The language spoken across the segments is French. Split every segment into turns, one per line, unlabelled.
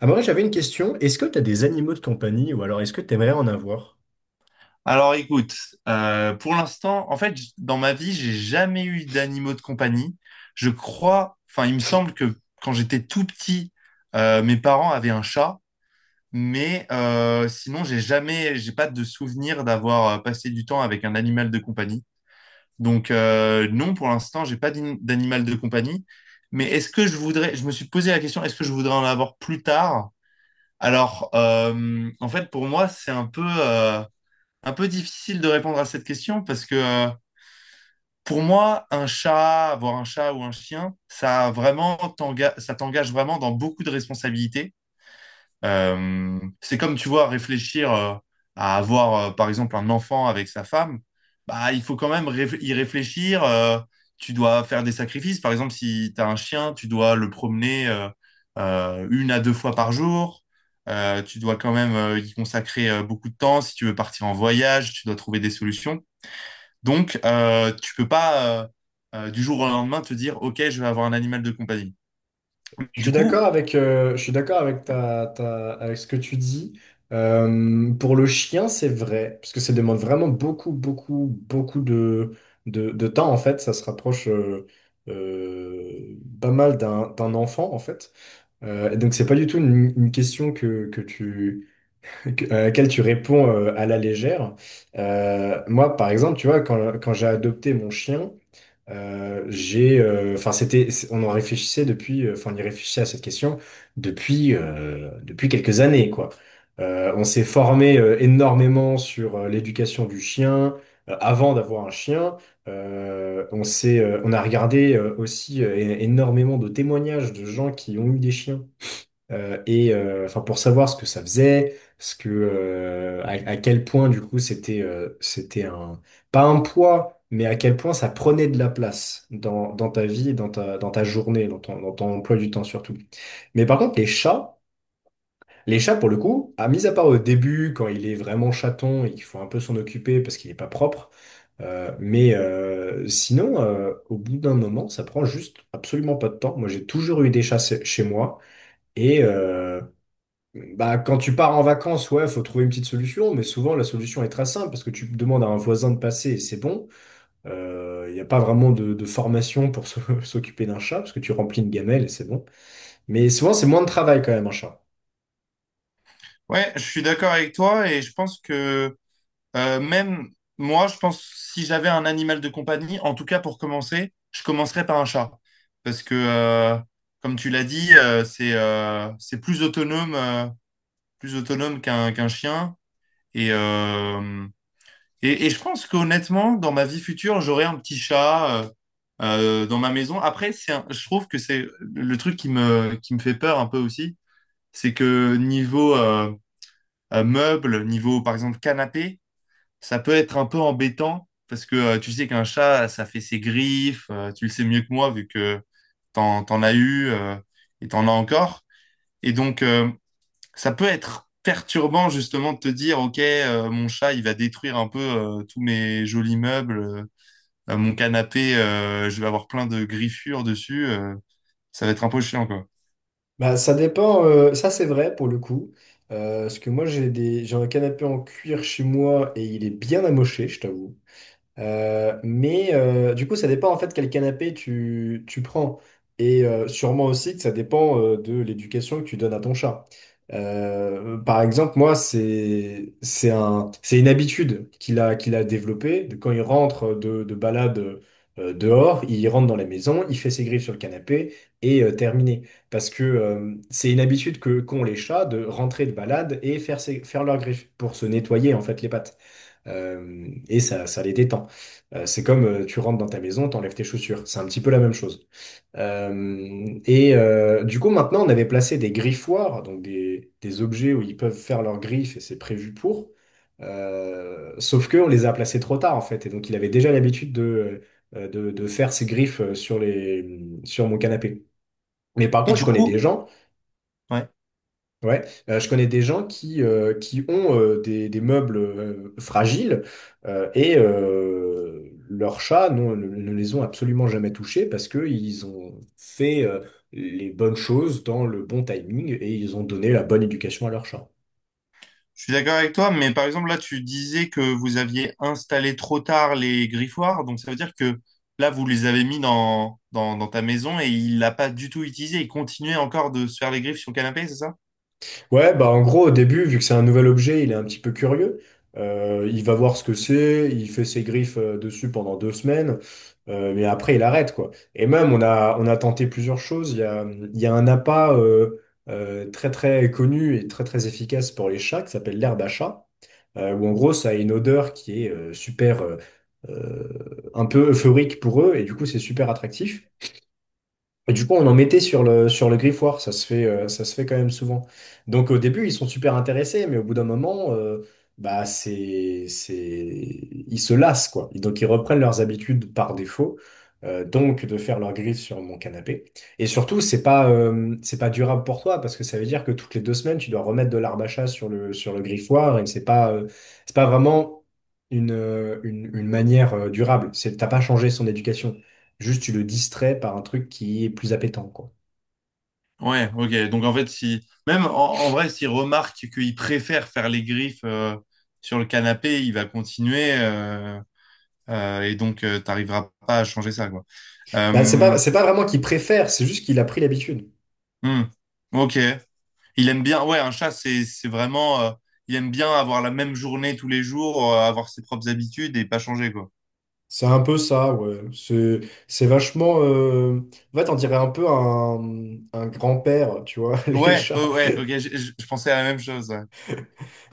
Amaury, j'avais une question. Est-ce que tu as des animaux de compagnie ou alors est-ce que tu aimerais en avoir?
Alors écoute, pour l'instant, en fait, dans ma vie, j'ai jamais eu d'animaux de compagnie. Je crois, enfin, il me semble que quand j'étais tout petit, mes parents avaient un chat, mais sinon, j'ai jamais, j'ai pas de souvenir d'avoir passé du temps avec un animal de compagnie. Donc non, pour l'instant, j'ai pas d'animal de compagnie. Mais est-ce que je voudrais, je me suis posé la question, est-ce que je voudrais en avoir plus tard? Alors, en fait, pour moi, c'est un peu difficile de répondre à cette question parce que pour moi, un chat, avoir un chat ou un chien, ça t'engage vraiment dans beaucoup de responsabilités. C'est comme tu vois, réfléchir à avoir par exemple un enfant avec sa femme, bah il faut quand même y réfléchir. Tu dois faire des sacrifices. Par exemple, si tu as un chien, tu dois le promener une à deux fois par jour. Tu dois quand même y consacrer beaucoup de temps. Si tu veux partir en voyage, tu dois trouver des solutions. Donc, tu peux pas du jour au lendemain te dire, OK, je vais avoir un animal de compagnie.
Je
Et du
suis d'accord
coup,
avec, je suis d'accord avec, avec ce que tu dis. Pour le chien, c'est vrai, parce que ça demande vraiment beaucoup, beaucoup, beaucoup de temps, en fait. Ça se rapproche pas mal d'un enfant, en fait. Et donc, c'est pas du tout une question que tu, à laquelle tu réponds à la légère. Moi, par exemple, tu vois, quand j'ai adopté mon chien. Enfin, on en réfléchissait depuis, enfin, on y réfléchissait à cette question depuis, depuis quelques années, quoi. On s'est formé énormément sur l'éducation du chien avant d'avoir un chien. On a regardé aussi énormément de témoignages de gens qui ont eu des chiens enfin pour savoir ce que ça faisait, ce que à quel point du coup c'était un pas un poids, mais à quel point ça prenait de la place dans ta vie, dans ta journée, dans ton emploi du temps surtout. Mais par contre les chats pour le coup, à mis à part au début quand il est vraiment chaton et qu'il faut un peu s'en occuper parce qu'il est pas propre. Au bout d'un moment, ça prend juste absolument pas de temps. Moi, j'ai toujours eu des chats chez moi. Et, euh, Bah, quand tu pars en vacances, ouais, faut trouver une petite solution, mais souvent la solution est très simple parce que tu demandes à un voisin de passer et c'est bon. Il n'y a pas vraiment de formation pour s'occuper d'un chat parce que tu remplis une gamelle et c'est bon. Mais souvent, c'est moins de travail quand même, un chat.
ouais, je suis d'accord avec toi et je pense que même moi, je pense si j'avais un animal de compagnie, en tout cas pour commencer, je commencerais par un chat. Parce que, comme tu l'as dit, c'est plus autonome qu'un chien. Et, euh, et je pense qu'honnêtement, dans ma vie future, j'aurai un petit chat dans ma maison. Après, je trouve que c'est le truc qui me fait peur un peu aussi, c'est que niveau meuble, niveau par exemple canapé, ça peut être un peu embêtant parce que tu sais qu'un chat, ça fait ses griffes, tu le sais mieux que moi vu que t'en as eu et t'en as encore. Et donc, ça peut être perturbant justement de te dire, ok, mon chat, il va détruire un peu tous mes jolis meubles, mon canapé, je vais avoir plein de griffures dessus, ça va être un peu chiant, quoi.
Bah, ça dépend, ça c'est vrai pour le coup. Parce que moi, j'ai un canapé en cuir chez moi et il est bien amoché, je t'avoue. Du coup, ça dépend en fait quel canapé tu prends. Et sûrement aussi que ça dépend de l'éducation que tu donnes à ton chat. Par exemple, moi, c'est une habitude qu'il a développée. Quand il rentre de balade dehors, il rentre dans la maison, il fait ses griffes sur le canapé et terminé. Parce que c'est une habitude que qu'ont les chats de rentrer de balade et faire leurs griffes pour se nettoyer en fait les pattes. Et ça les détend. C'est comme tu rentres dans ta maison, t'enlèves tes chaussures. C'est un petit peu la même chose. Du coup, maintenant, on avait placé des griffoirs, donc des objets où ils peuvent faire leurs griffes et c'est prévu pour. Sauf que on les a placés trop tard en fait, et donc il avait déjà l'habitude de faire ses griffes sur mon canapé. Mais par contre, je connais des gens. Ouais, je connais des gens qui ont des meubles fragiles, leurs chats ne les ont absolument jamais touchés parce qu'ils ont fait les bonnes choses dans le bon timing et ils ont donné la bonne éducation à leurs chats.
Je suis d'accord avec toi, mais par exemple, là, tu disais que vous aviez installé trop tard les griffoirs, donc ça veut dire que là, vous les avez mis dans ta maison et il l'a pas du tout utilisé, il continuait encore de se faire les griffes sur le canapé, c'est ça?
Ouais, bah en gros, au début, vu que c'est un nouvel objet, il est un petit peu curieux. Il va voir ce que c'est, il fait ses griffes dessus pendant deux semaines, mais après, il arrête, quoi. Et même, on a tenté plusieurs choses. Il y a un appât très, très connu et très, très efficace pour les chats qui s'appelle l'herbe à chat, où en gros, ça a une odeur qui est un peu euphorique pour eux, et du coup, c'est super attractif. Et du coup, on en mettait sur le griffoir, ça se fait quand même souvent. Donc au début, ils sont super intéressés, mais au bout d'un moment, bah, c'est... ils se lassent, quoi. Et donc ils reprennent leurs habitudes par défaut, donc de faire leur griffe sur mon canapé. Et surtout, c'est pas durable pour toi, parce que ça veut dire que toutes les deux semaines, tu dois remettre de l'arbre à chat sur le griffoir, et c'est pas vraiment une manière durable. C'est, t'as pas changé son éducation. Juste, tu le distrais par un truc qui est plus appétant, quoi.
Ouais, ok. Donc en fait, si même en vrai, s'il remarque qu'il préfère faire les griffes sur le canapé, il va continuer et donc t'arriveras pas à changer ça, quoi.
Bah,
Euh,
c'est pas vraiment qu'il préfère, c'est juste qu'il a pris l'habitude.
hmm. Ok. Il aime bien. Ouais, un chat, c'est vraiment. Il aime bien avoir la même journée tous les jours, avoir ses propres habitudes et pas changer, quoi.
C'est un peu ça, ouais. C'est vachement. En fait, on dirait un peu un grand-père, tu vois, les
Ouais,
chats.
oh, ouais. Ok, je pensais à la même chose. Ouais.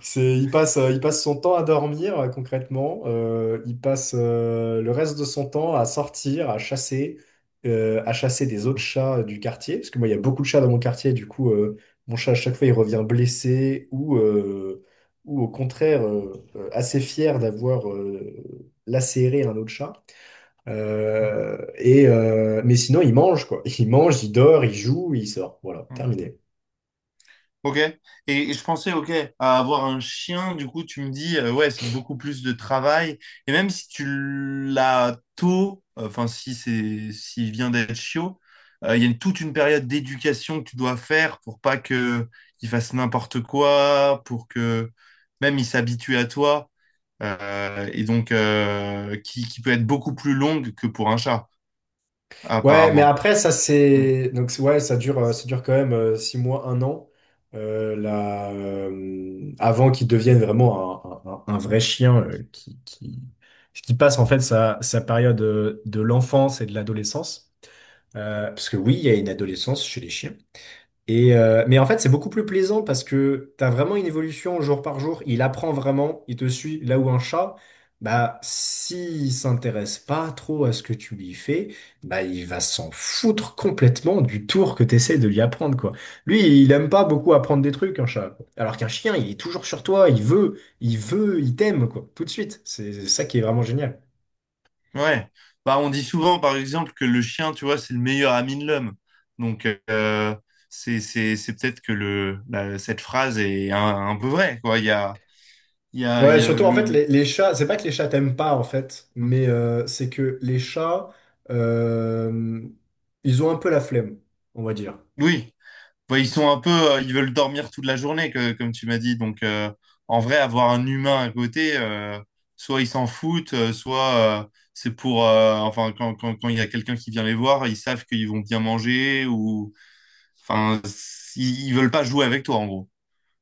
Il passe, il passe son temps à dormir, concrètement. Il passe le reste de son temps à sortir, à chasser des autres chats du quartier. Parce que moi, il y a beaucoup de chats dans mon quartier. Du coup, mon chat, à chaque fois, il revient blessé, ou au contraire, assez fier d'avoir lacéré un autre chat. Mais sinon, il mange, quoi. Il mange, il dort, il joue, il sort. Voilà,
Hmm.
terminé.
Ok. Et je pensais, ok, à avoir un chien, du coup, tu me dis, ouais, c'est beaucoup plus de travail. Et même si tu l'as tôt, enfin, si c'est, s'il vient d'être chiot, il y a toute une période d'éducation que tu dois faire pour pas que il fasse n'importe quoi, pour que même il s'habitue à toi. Et donc, qui peut être beaucoup plus longue que pour un chat,
Ouais, mais
apparemment.
après, ça
Mm.
c'est. Donc, ouais, ça dure quand même six mois, un an, avant qu'il devienne vraiment un vrai chien qui passe en fait sa période de l'enfance et de l'adolescence. Parce que oui, il y a une adolescence chez les chiens. Mais en fait, c'est beaucoup plus plaisant parce que tu as vraiment une évolution jour par jour. Il apprend vraiment, il te suit. Là où un chat, bah, s'il s'intéresse pas trop à ce que tu lui fais, bah, il va s'en foutre complètement du tour que tu essaies de lui apprendre, quoi. Lui, il aime pas beaucoup apprendre des trucs, un chat, quoi. Alors qu'un chien, il est toujours sur toi, il t'aime, quoi, tout de suite. C'est ça qui est vraiment génial.
Ouais, bah, on dit souvent par exemple que le chien, tu vois, c'est le meilleur ami de l'homme. Donc c'est peut-être que cette phrase est un peu vraie quoi. Il y a il y a il
Ouais,
y a
surtout en
le,
fait,
le.
les chats, c'est pas que les chats t'aiment pas en fait, mais c'est que les chats, euh, ils ont un peu la flemme, on va dire.
Oui, bah, ils sont un peu ils veulent dormir toute la journée comme tu m'as dit. Donc en vrai avoir un humain à côté, soit ils s'en foutent, soit c'est pour enfin quand il y a quelqu'un qui vient les voir, ils savent qu'ils vont bien manger ou enfin ils veulent pas jouer avec toi en gros.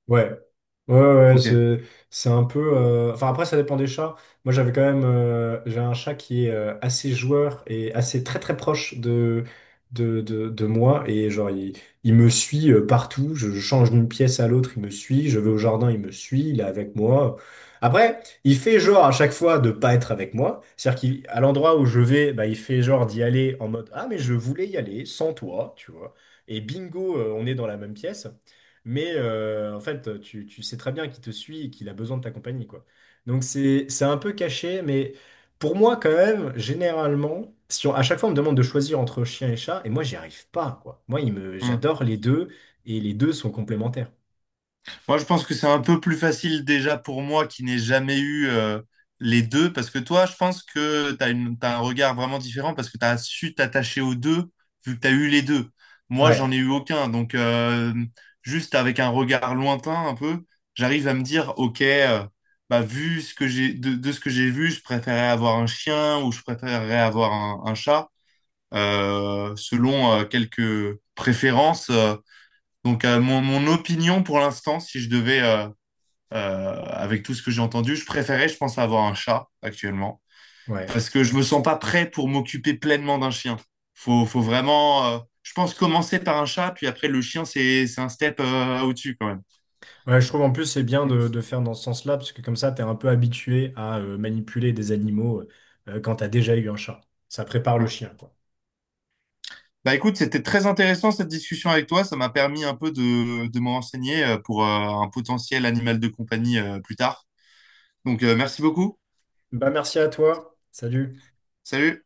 Ouais, ouais, ouais, ouais,
Ok.
c'est, c'est un peu. Enfin, après, ça dépend des chats. Moi, j'avais quand même. J'ai un chat qui est assez joueur et assez très très proche de moi. Et genre, il me suit partout. Je change d'une pièce à l'autre, il me suit. Je vais au jardin, il me suit. Il est avec moi. Après, il fait genre à chaque fois de pas être avec moi. C'est-à-dire qu'à l'endroit où je vais, bah, il fait genre d'y aller en mode: ah, mais je voulais y aller sans toi, tu vois. Et bingo, on est dans la même pièce. Mais en fait, tu sais très bien qu'il te suit et qu'il a besoin de ta compagnie, quoi. Donc c'est un peu caché, mais pour moi, quand même, généralement, si on- à chaque fois on me demande de choisir entre chien et chat, et moi j'y arrive pas, quoi. Moi,
Hmm.
j'adore les deux, et les deux sont complémentaires.
Moi, je pense que c'est un peu plus facile déjà pour moi qui n'ai jamais eu les deux, parce que toi, je pense que t'as un regard vraiment différent parce que tu as su t'attacher aux deux vu que tu as eu les deux. Moi, j'en ai
Ouais.
eu aucun, donc juste avec un regard lointain un peu, j'arrive à me dire, ok, bah, vu ce que de ce que j'ai vu, je préférerais avoir un chien ou je préférerais avoir un chat, selon quelques préférences. Donc, mon opinion pour l'instant, si je devais, avec tout ce que j'ai entendu, je préférais, je pense, avoir un chat actuellement
Ouais.
parce que je me sens pas prêt pour m'occuper pleinement d'un chien. Faut vraiment, je pense, commencer par un chat, puis après, le chien, c'est un step, au-dessus quand même.
Ouais, je trouve en plus c'est bien de faire dans ce sens-là, parce que comme ça, t'es un peu habitué à manipuler des animaux quand t'as déjà eu un chat. Ça prépare le
Mm.
chien, quoi.
Bah écoute, c'était très intéressant cette discussion avec toi. Ça m'a permis un peu de m'en renseigner pour un potentiel animal de compagnie plus tard. Donc, merci beaucoup.
Bah merci à toi. Salut.
Salut.